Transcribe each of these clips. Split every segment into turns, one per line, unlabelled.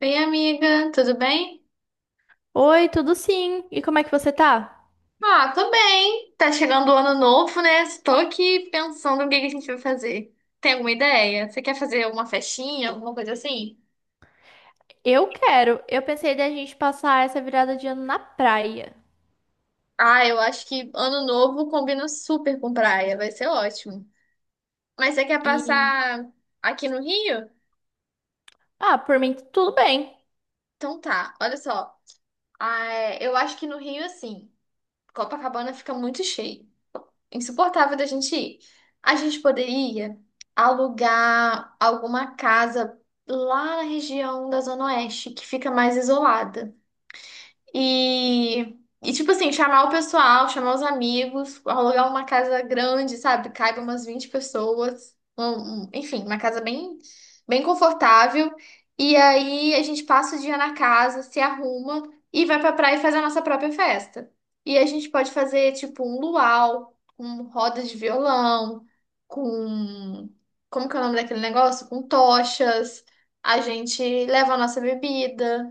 Oi, amiga, tudo bem?
Oi, tudo sim? E como é que você tá?
Ah, tô bem. Tá chegando o ano novo, né? Estou aqui pensando o que que a gente vai fazer. Tem alguma ideia? Você quer fazer uma festinha, alguma coisa assim?
Eu quero. Eu pensei da gente passar essa virada de ano na praia.
Ah, eu acho que ano novo combina super com praia, vai ser ótimo. Mas você quer
E
passar aqui no Rio?
por mim tudo bem.
Então tá, olha só. Ah, é, eu acho que no Rio, assim, Copacabana fica muito cheio. Insuportável da gente ir. A gente poderia alugar alguma casa lá na região da Zona Oeste, que fica mais isolada. E, e, tipo assim, chamar o pessoal, chamar os amigos, alugar uma casa grande, sabe? Caiba umas 20 pessoas. Enfim, uma casa bem, bem confortável. E aí a gente passa o dia na casa, se arruma e vai pra praia e faz a nossa própria festa. E a gente pode fazer, tipo, um luau, com roda de violão, com. Como que é o nome daquele negócio? Com tochas. A gente leva a nossa bebida.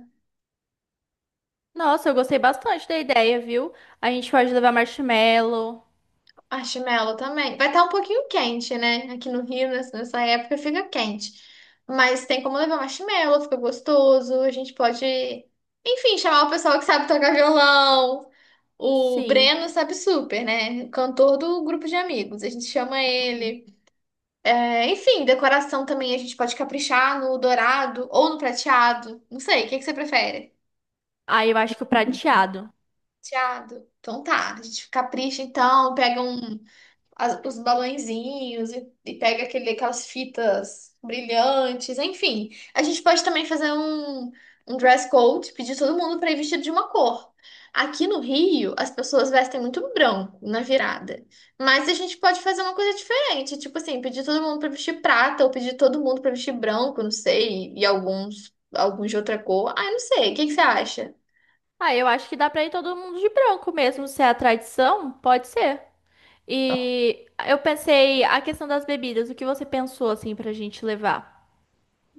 Nossa, eu gostei bastante da ideia, viu? A gente pode levar marshmallow.
Marshmallow também. Vai estar um pouquinho quente, né? Aqui no Rio, nessa época, fica quente. Mas tem como levar marshmallow, fica gostoso. A gente pode, enfim, chamar o pessoal que sabe tocar violão. O
Sim.
Breno sabe super, né? Cantor do grupo de amigos. A gente chama ele. É, enfim, decoração também a gente pode caprichar no dourado ou no prateado. Não sei, o que que você prefere?
Ah, eu acho que o prateado.
Prateado. Então tá, a gente capricha então, pega um. Os balõezinhos e pega aquele, aquelas fitas brilhantes, enfim. A gente pode também fazer um dress code, pedir todo mundo para ir vestido de uma cor. Aqui no Rio, as pessoas vestem muito branco na virada. Mas a gente pode fazer uma coisa diferente, tipo assim, pedir todo mundo para vestir prata ou pedir todo mundo para vestir branco, não sei, e alguns de outra cor. Ah, eu não sei. O que que você acha?
Ah, eu acho que dá pra ir todo mundo de branco mesmo, se é a tradição, pode ser. E eu pensei a questão das bebidas, o que você pensou assim pra gente levar?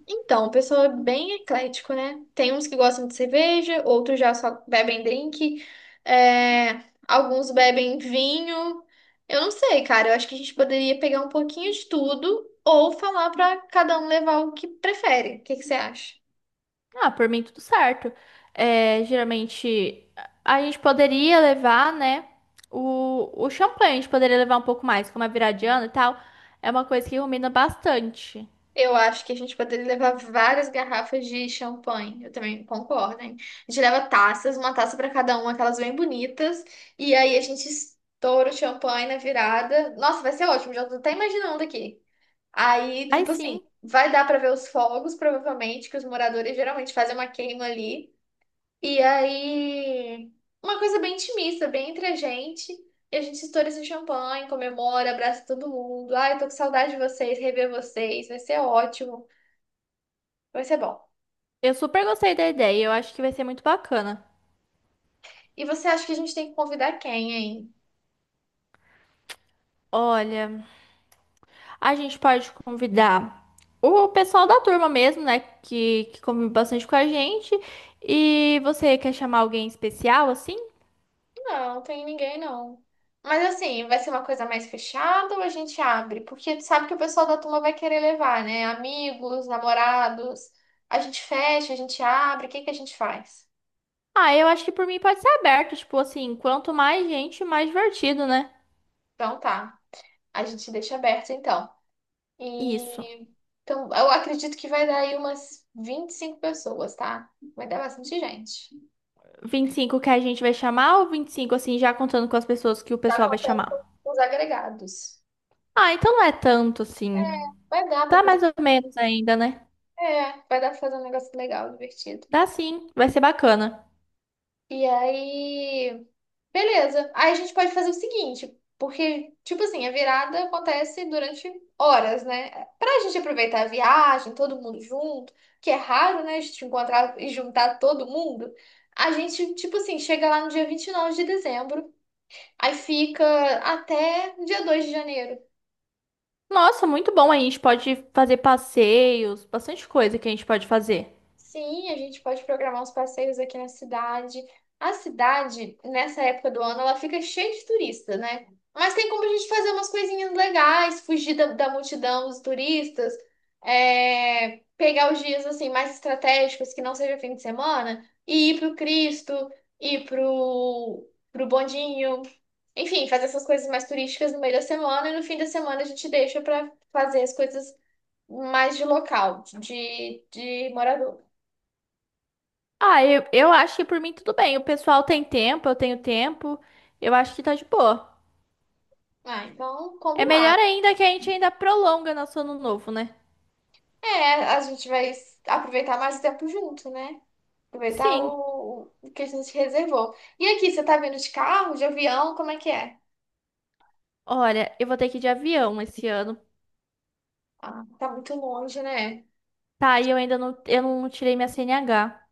Então, o pessoal é bem eclético, né? Tem uns que gostam de cerveja, outros já só bebem drink, é, alguns bebem vinho. Eu não sei, cara. Eu acho que a gente poderia pegar um pouquinho de tudo ou falar pra cada um levar o que prefere. O que que você acha?
Ah, por mim tudo certo. É, geralmente a gente poderia levar, né, o champanhe, a gente poderia levar um pouco mais, como é viradiano e tal. É uma coisa que combina bastante.
Eu acho que a gente poderia levar várias garrafas de champanhe. Eu também concordo, hein? A gente leva taças, uma taça pra cada um, aquelas bem bonitas, e aí a gente estoura o champanhe na virada. Nossa, vai ser ótimo, já tô até imaginando aqui. Aí,
Mas
tipo assim,
sim,
vai dar pra ver os fogos, provavelmente, que os moradores geralmente fazem uma queima ali. E aí, uma coisa bem intimista, bem entre a gente. E a gente estoura esse champanhe, comemora, abraça todo mundo. Ai, tô com saudade de vocês, rever vocês, vai ser ótimo, vai ser bom.
eu super gostei da ideia, eu acho que vai ser muito bacana.
E você acha que a gente tem que convidar quem, hein?
Olha, a gente pode convidar o pessoal da turma mesmo, né, que convive bastante com a gente. E você quer chamar alguém especial, assim?
Não, tem ninguém não. Mas assim, vai ser uma coisa mais fechada ou a gente abre? Porque tu sabe que o pessoal da turma vai querer levar, né? Amigos, namorados. A gente fecha, a gente abre, o que que a gente faz?
Ah, eu acho que por mim pode ser aberto, tipo assim, quanto mais gente, mais divertido, né?
Então tá, a gente deixa aberto então.
Isso.
E então, eu acredito que vai dar aí umas 25 pessoas, tá? Vai dar bastante gente.
25 que a gente vai chamar ou 25 assim, já contando com as pessoas que o
Tá
pessoal vai
contando
chamar?
com os agregados.
Ah, então não é tanto, assim.
É, vai dar pra
Tá
fazer.
mais ou menos ainda, né?
É, vai dar pra fazer um negócio legal, divertido.
Dá sim, vai ser bacana.
E aí. Beleza. Aí a gente pode fazer o seguinte, porque, tipo assim, a virada acontece durante horas, né? Pra gente aproveitar a viagem, todo mundo junto, que é raro, né? A gente encontrar e juntar todo mundo. A gente, tipo assim, chega lá no dia 29 de dezembro, aí fica até dia 2 de janeiro.
Nossa, muito bom. A gente pode fazer passeios, bastante coisa que a gente pode fazer.
Sim, a gente pode programar uns passeios aqui na cidade. A cidade, nessa época do ano, ela fica cheia de turista, né? Mas tem como a gente fazer umas coisinhas legais, fugir da multidão dos turistas, pegar os dias assim mais estratégicos, que não seja fim de semana, e ir pro Cristo, ir pro Bondinho. Enfim, fazer essas coisas mais turísticas no meio da semana e no fim da semana a gente deixa para fazer as coisas mais de local, de morador.
Ah, eu acho que por mim tudo bem. O pessoal tem tempo, eu tenho tempo. Eu acho que tá de boa.
Ah, então,
É melhor
combinado.
ainda que a gente ainda prolonga nosso ano novo, né?
É, a gente vai aproveitar mais o tempo junto, né? Aproveitar
Sim.
o que a gente reservou. E aqui, você tá vindo de carro, de avião, como é que é?
Olha, eu vou ter que ir de avião esse ano.
Ah, tá muito longe, né?
Tá, e eu ainda não, eu não tirei minha CNH.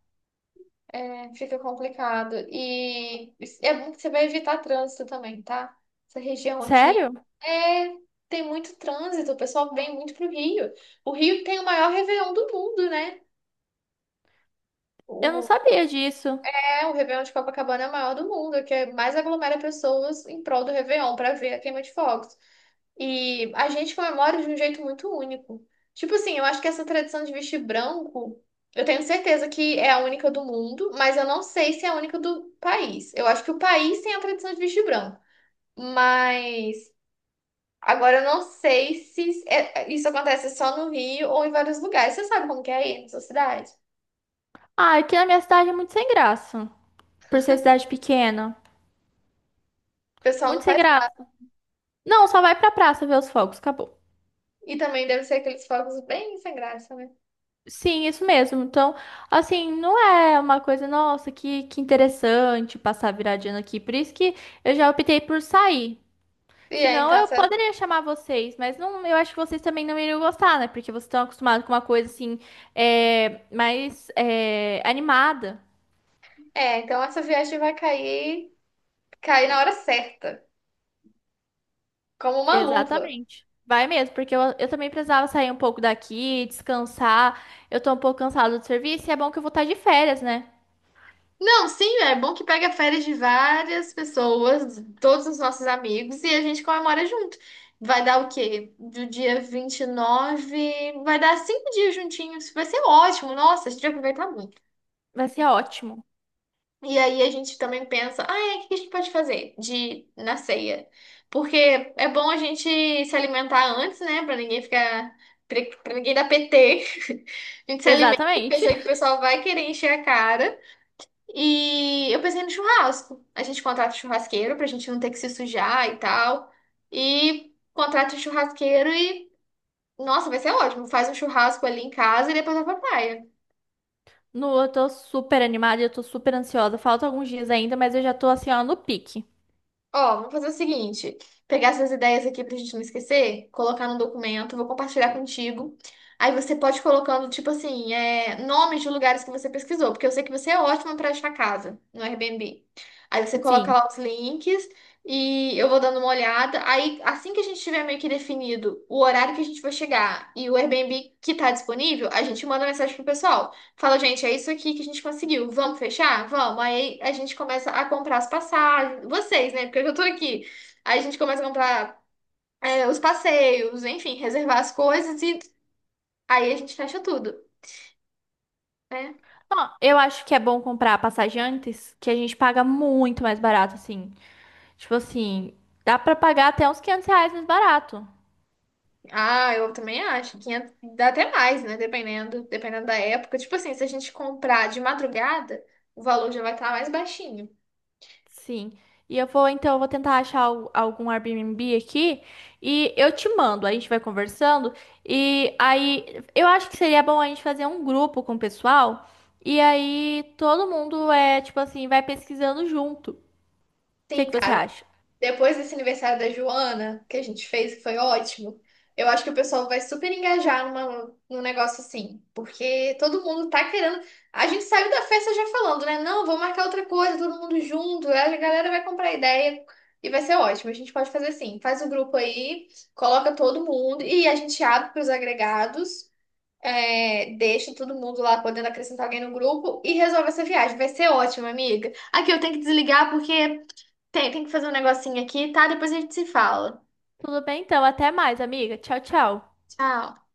É, fica complicado. E é bom que você vai evitar trânsito também, tá? Essa região aqui
Sério?
é, tem muito trânsito, o pessoal vem muito pro Rio. O Rio tem o maior Réveillon do mundo, né?
Eu não sabia disso.
É, o Réveillon de Copacabana é o maior do mundo, que é mais aglomera pessoas em prol do Réveillon para ver a queima de fogos. E a gente comemora de um jeito muito único. Tipo assim, eu acho que essa tradição de vestir branco, eu tenho certeza que é a única do mundo, mas eu não sei se é a única do país. Eu acho que o país tem a tradição de vestir branco, mas agora eu não sei se isso acontece só no Rio ou em vários lugares. Você sabe como que é aí na sua cidade?
Ah, aqui na minha cidade é muito sem graça. Por ser cidade pequena.
O pessoal não
Muito sem
faz nada.
graça. Não, só vai pra praça ver os fogos, acabou.
E também deve ser aqueles fogos bem sem graça, né?
Sim, isso mesmo. Então, assim, não é uma coisa, nossa, que interessante passar viradinha aqui. Por isso que eu já optei por sair.
E é,
Senão
então
eu
essa,
poderia chamar vocês, mas não, eu acho que vocês também não iriam gostar, né? Porque vocês estão acostumados com uma coisa assim, é, mais é, animada.
então essa viagem vai cair na hora certa, como uma luva.
Exatamente. Vai mesmo, porque eu também precisava sair um pouco daqui, descansar. Eu tô um pouco cansada do serviço e é bom que eu vou estar de férias, né?
Não, sim, é bom que pega férias de várias pessoas, todos os nossos amigos, e a gente comemora junto. Vai dar o quê? Do dia 29 vai dar 5 dias juntinhos. Vai ser ótimo, nossa, a gente vai aproveitar muito.
Vai ser ótimo.
E aí a gente também pensa, o que a gente pode fazer de na ceia? Porque é bom a gente se alimentar antes, né? Pra ninguém ficar. Pra pra ninguém dar PT. A gente se alimenta e
Exatamente.
pensa que o pessoal vai querer encher a cara. E eu pensei no churrasco. A gente contrata o churrasqueiro pra gente não ter que se sujar e tal. E contrata o churrasqueiro Nossa, vai ser ótimo. Faz um churrasco ali em casa e depois vai pra praia.
No, eu tô super animada, eu tô super ansiosa. Falta alguns dias ainda, mas eu já tô assim, ó, no pique.
Ó, vamos fazer o seguinte: pegar essas ideias aqui pra gente não esquecer, colocar no documento, vou compartilhar contigo. Aí você pode ir colocando, tipo assim, nomes de lugares que você pesquisou, porque eu sei que você é ótima pra achar casa no Airbnb. Aí você coloca
Sim.
lá os links e eu vou dando uma olhada. Aí, assim que a gente tiver meio que definido o horário que a gente vai chegar e o Airbnb que tá disponível, a gente manda mensagem pro pessoal. Fala, gente, é isso aqui que a gente conseguiu. Vamos fechar? Vamos. Aí a gente começa a comprar as passagens. Vocês, né? Porque eu já tô aqui. Aí a gente começa a comprar os passeios, enfim, reservar as coisas e aí a gente fecha tudo, né?
Ó, eu acho que é bom comprar a passagem antes, que a gente paga muito mais barato, assim. Tipo assim, dá pra pagar até uns R$ 500 mais barato.
Ah, eu também acho. 500, dá até mais, né? Dependendo, da época. Tipo assim, se a gente comprar de madrugada, o valor já vai estar mais baixinho.
Sim. E eu vou, então, eu vou tentar achar algum Airbnb aqui e eu te mando, a gente vai conversando. E aí, eu acho que seria bom a gente fazer um grupo com o pessoal e aí todo mundo é, tipo assim, vai pesquisando junto. O que
Sim,
que você
cara.
acha?
Depois desse aniversário da Joana, que a gente fez, que foi ótimo, eu acho que o pessoal vai super engajar numa, num negócio assim. Porque todo mundo tá querendo. A gente saiu da festa já falando, né? Não, vou marcar outra coisa, todo mundo junto. Aí a galera vai comprar ideia e vai ser ótimo. A gente pode fazer assim: faz o grupo aí, coloca todo mundo e a gente abre pros agregados. Deixa todo mundo lá podendo acrescentar alguém no grupo e resolve essa viagem. Vai ser ótimo, amiga. Aqui eu tenho que desligar porque tem que fazer um negocinho aqui, tá? Depois a gente se fala.
Tudo bem, então, até mais, amiga. Tchau, tchau.
Tchau.